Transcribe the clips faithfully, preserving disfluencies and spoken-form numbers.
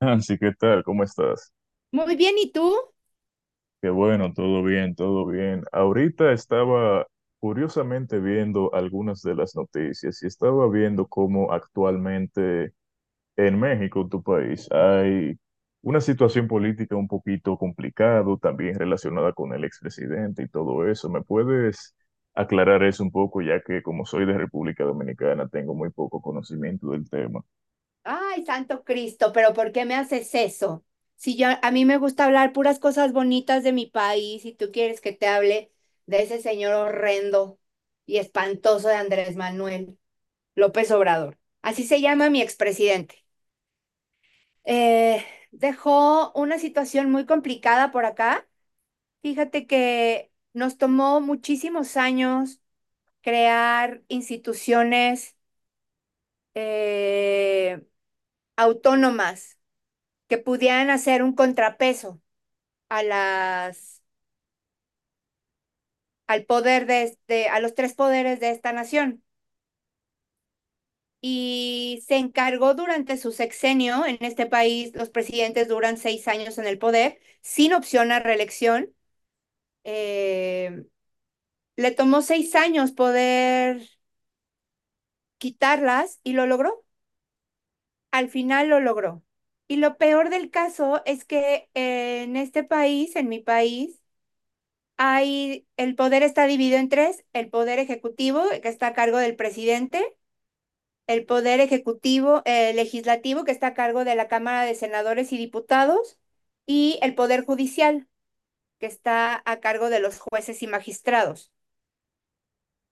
Así, ¿qué tal? ¿Cómo estás? Muy bien, ¿y tú? Qué bueno, todo bien, todo bien. Ahorita estaba curiosamente viendo algunas de las noticias y estaba viendo cómo actualmente en México, tu país, hay una situación política un poquito complicado, también relacionada con el expresidente y todo eso. ¿Me puedes aclarar eso un poco, ya que como soy de República Dominicana, tengo muy poco conocimiento del tema? Ay, Santo Cristo, pero ¿por qué me haces eso? Si yo a mí me gusta hablar puras cosas bonitas de mi país y tú quieres que te hable de ese señor horrendo y espantoso de Andrés Manuel López Obrador. Así se llama mi expresidente. Eh, Dejó una situación muy complicada por acá. Fíjate que nos tomó muchísimos años crear instituciones eh, autónomas que pudieran hacer un contrapeso a las, al poder de, este, a los tres poderes de esta nación. Y se encargó durante su sexenio en este país, los presidentes duran seis años en el poder, sin opción a reelección. Eh, Le tomó seis años poder quitarlas y lo logró. Al final lo logró. Y lo peor del caso es que en este país, en mi país, Hay, el poder está dividido en tres, el poder ejecutivo, que está a cargo del presidente, el poder ejecutivo eh, legislativo, que está a cargo de la Cámara de Senadores y Diputados, y el poder judicial, que está a cargo de los jueces y magistrados.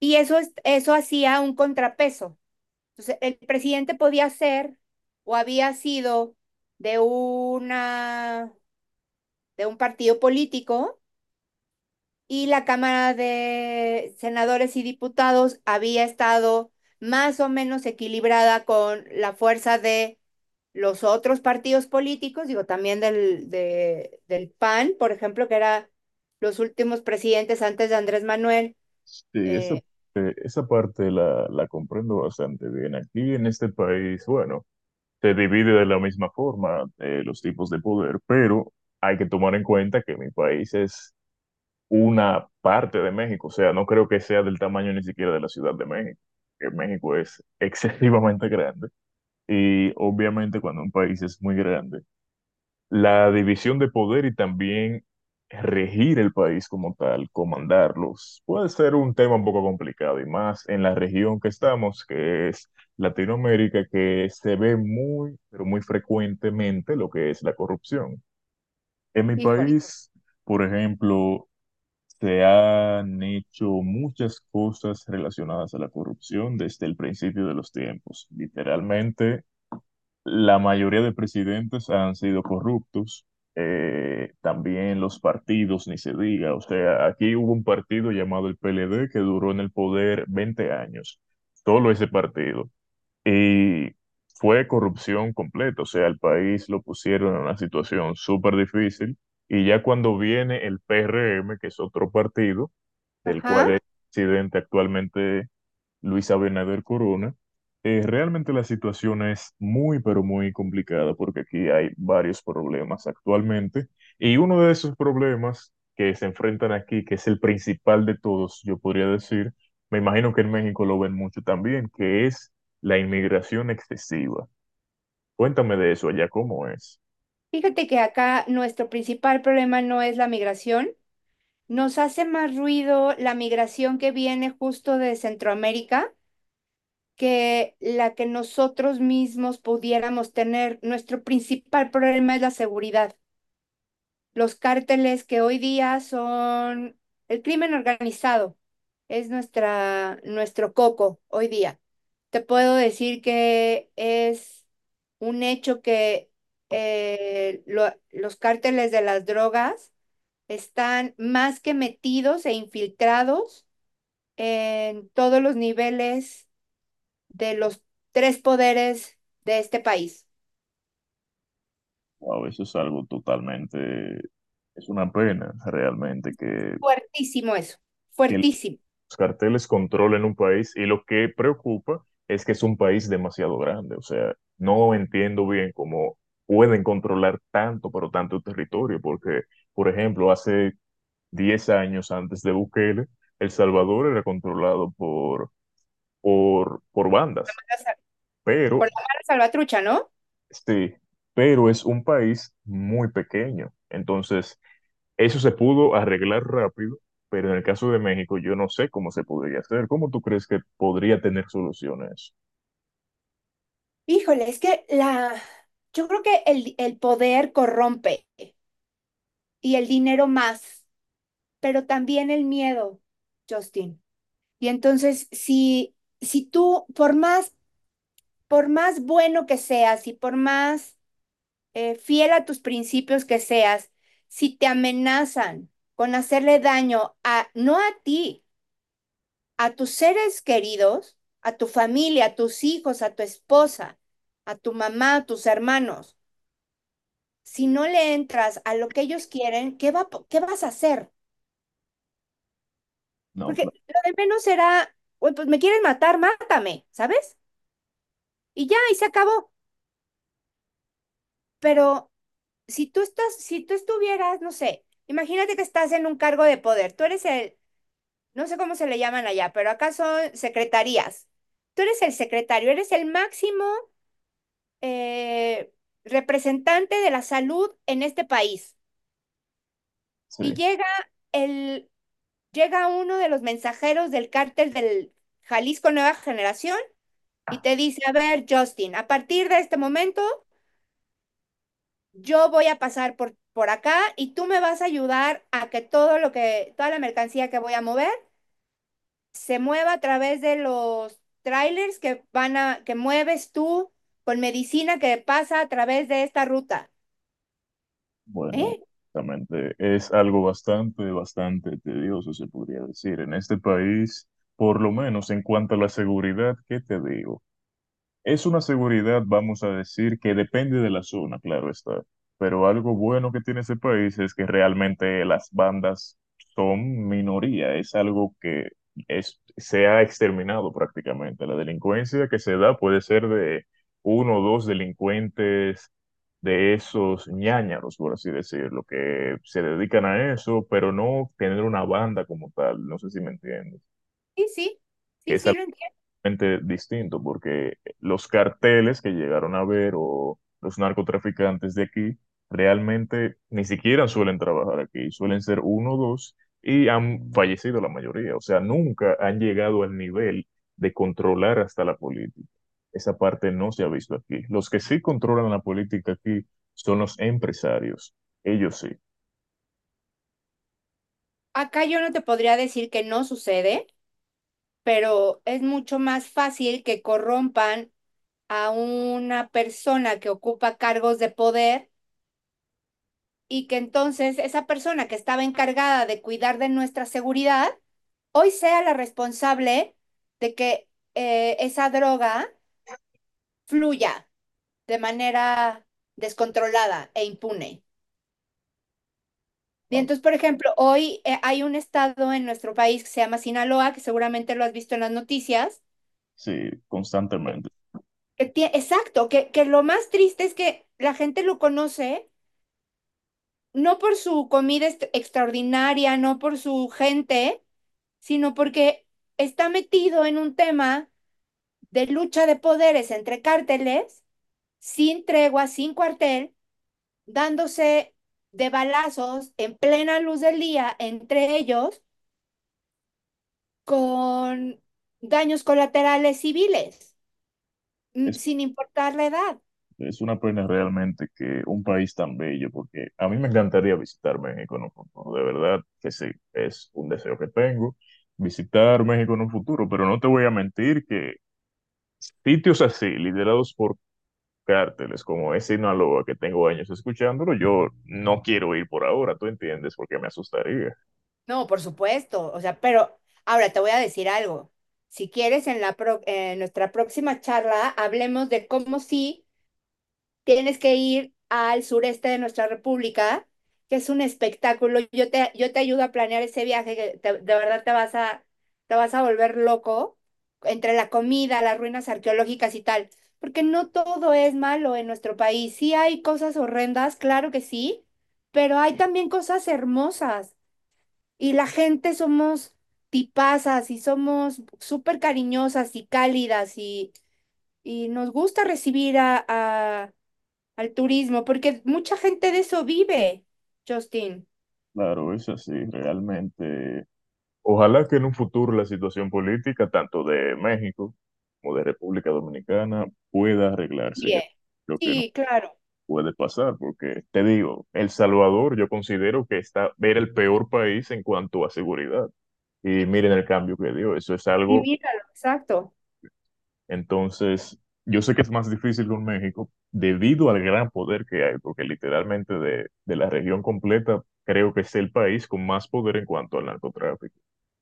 Y eso, es, eso hacía un contrapeso. Entonces, el presidente podía ser o había sido de, una, de un partido político, y la Cámara de Senadores y Diputados había estado más o menos equilibrada con la fuerza de los otros partidos políticos, digo, también del, de, del PAN, por ejemplo, que era los últimos presidentes antes de Andrés Manuel. Sí, esa, Eh, eh, esa parte la, la comprendo bastante bien. Aquí en este país, bueno, se divide de la misma forma, eh, los tipos de poder, pero hay que tomar en cuenta que mi país es una parte de México, o sea, no creo que sea del tamaño ni siquiera de la Ciudad de México, que México es excesivamente grande y obviamente cuando un país es muy grande, la división de poder y también regir el país como tal, comandarlos, puede ser un tema un poco complicado y más en la región que estamos, que es Latinoamérica, que se ve muy, pero muy frecuentemente lo que es la corrupción. En mi Híjole, país, por ejemplo, se han hecho muchas cosas relacionadas a la corrupción desde el principio de los tiempos. Literalmente, la mayoría de presidentes han sido corruptos, eh, también los partidos, ni se diga. O sea, aquí hubo un partido llamado el P L D que duró en el poder veinte años, solo ese partido. Y fue corrupción completa, o sea, el país lo pusieron en una situación súper difícil. Y ya cuando viene el P R M, que es otro partido, del ajá. cual es presidente actualmente Luis Abinader Corona, eh, realmente la situación es muy, pero muy complicada porque aquí hay varios problemas actualmente y uno de esos problemas que se enfrentan aquí, que es el principal de todos, yo podría decir, me imagino que en México lo ven mucho también, que es la inmigración excesiva. Cuéntame de eso allá, ¿cómo es? Fíjate que acá nuestro principal problema no es la migración. Nos hace más ruido la migración que viene justo de Centroamérica, que la que nosotros mismos pudiéramos tener. Nuestro principal problema es la seguridad. Los cárteles que hoy día son el crimen organizado, es nuestra, nuestro coco hoy día. Te puedo decir que es un hecho que eh, lo- los cárteles de las drogas están más que metidos e infiltrados en todos los niveles de los tres poderes de este país. Wow, eso es algo totalmente, es una pena realmente que Fuertísimo eso, que fuertísimo. los carteles controlen un país y lo que preocupa es que es un país demasiado grande. O sea, no entiendo bien cómo pueden controlar tanto, pero tanto territorio, porque, por ejemplo, hace diez años antes de Bukele, El Salvador era controlado por, por, por Por bandas, la sal- pero, Mala salvatrucha, ¿no? sí, pero es un país muy pequeño. Entonces, eso se pudo arreglar rápido, pero en el caso de México yo no sé cómo se podría hacer. ¿Cómo tú crees que podría tener soluciones? Híjole, es que la... Yo creo que el, el poder corrompe y el dinero más, pero también el miedo, Justin. Y entonces, si, si tú, por más, por más bueno que seas y por más eh, fiel a tus principios que seas, si te amenazan con hacerle daño a, no a ti, a tus seres queridos, a tu familia, a tus hijos, a tu esposa, a tu mamá, a tus hermanos, si no le entras a lo que ellos quieren, ¿qué, va, qué vas a hacer? No, Porque claro. lo de menos será, pues me quieren matar, mátame, ¿sabes? Y ya, y se acabó. Pero si tú estás, si tú estuvieras, no sé, imagínate que estás en un cargo de poder, tú eres el, no sé cómo se le llaman allá, pero acá son secretarías. Tú eres el secretario, eres el máximo eh, representante de la salud en este país. Sí, Y llega el, llega uno de los mensajeros del cártel del Jalisco Nueva Generación y te dice, a ver, Justin, a partir de este momento yo voy a pasar por, por acá y tú me vas a ayudar a que todo lo que, toda la mercancía que voy a mover se mueva a través de los trailers que van a, que mueves tú con medicina que pasa a través de esta ruta. bueno, ¿Eh? exactamente. Es algo bastante, bastante tedioso, se podría decir. En este país, por lo menos en cuanto a la seguridad, ¿qué te digo? Es una seguridad, vamos a decir, que depende de la zona, claro está. Pero algo bueno que tiene ese país es que realmente las bandas son minoría. Es algo que es, se ha exterminado prácticamente. La delincuencia que se da puede ser de uno o dos delincuentes de esos ñáñaros, por así decirlo, que se dedican a eso, pero no tener una banda como tal. No sé si me entiendes. Sí, sí, Que sí, es sí lo entiendo. distinto, porque los carteles que llegaron a ver o los narcotraficantes de aquí realmente ni siquiera suelen trabajar aquí, suelen ser uno o dos y han fallecido la mayoría, o sea, nunca han llegado al nivel de controlar hasta la política. Esa parte no se ha visto aquí. Los que sí controlan la política aquí son los empresarios, ellos sí, Acá yo no te podría decir que no sucede, pero es mucho más fácil que corrompan a una persona que ocupa cargos de poder y que entonces esa persona que estaba encargada de cuidar de nuestra seguridad, hoy sea la responsable de que eh, esa droga fluya de manera descontrolada e impune. Y entonces, por ejemplo, hoy eh, hay un estado en nuestro país que se llama Sinaloa, que seguramente lo has visto en las noticias. sí, constantemente. Que tie- exacto, que, que lo más triste es que la gente lo conoce no por su comida est- extraordinaria, no por su gente, sino porque está metido en un tema de lucha de poderes entre cárteles, sin tregua, sin cuartel, dándose de balazos en plena luz del día entre ellos con daños colaterales civiles, mm, sin importar la edad. Es una pena realmente que un país tan bello, porque a mí me encantaría visitar México en un futuro, de verdad que sí, es un deseo que tengo, visitar México en un futuro, pero no te voy a mentir que sitios así, liderados por cárteles como es Sinaloa, que tengo años escuchándolo, yo no quiero ir por ahora, ¿tú entiendes? Porque me asustaría. No, por supuesto. O sea, pero ahora te voy a decir algo. Si quieres, en la pro- en nuestra próxima charla hablemos de cómo sí tienes que ir al sureste de nuestra república, que es un espectáculo. Yo te, yo te ayudo a planear ese viaje, que te- de verdad te vas a, te vas a volver loco entre la comida, las ruinas arqueológicas y tal, porque no todo es malo en nuestro país. Sí hay cosas horrendas, claro que sí, pero hay también cosas hermosas y la gente somos tipazas y somos súper cariñosas y cálidas y, y nos gusta recibir a, a- al turismo, porque mucha gente de eso vive, Justin. Claro, es así, realmente. Ojalá que en un futuro la situación política, tanto de México como de República Dominicana, pueda arreglarse. Yo Bien. creo que Sí, claro. puede pasar, porque te digo, El Salvador yo considero que está, era el peor país en cuanto a seguridad. Y miren el cambio que dio, eso es Y algo, míralo, exacto. entonces, yo sé que es más difícil con México debido al gran poder que hay, porque literalmente de, de la región completa creo que es el país con más poder en cuanto al narcotráfico,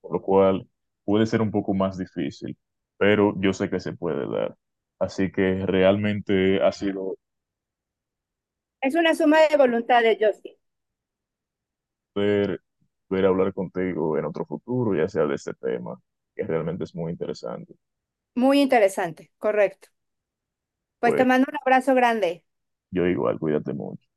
por lo cual puede ser un poco más difícil, pero yo sé que se puede dar. Así que realmente ha sido Es una suma de voluntad de Justin. poder, poder hablar contigo en otro futuro, ya sea de este tema, que realmente es muy interesante. Muy interesante, correcto. Pues te Pues mando un abrazo grande. yo igual, cuídate mucho.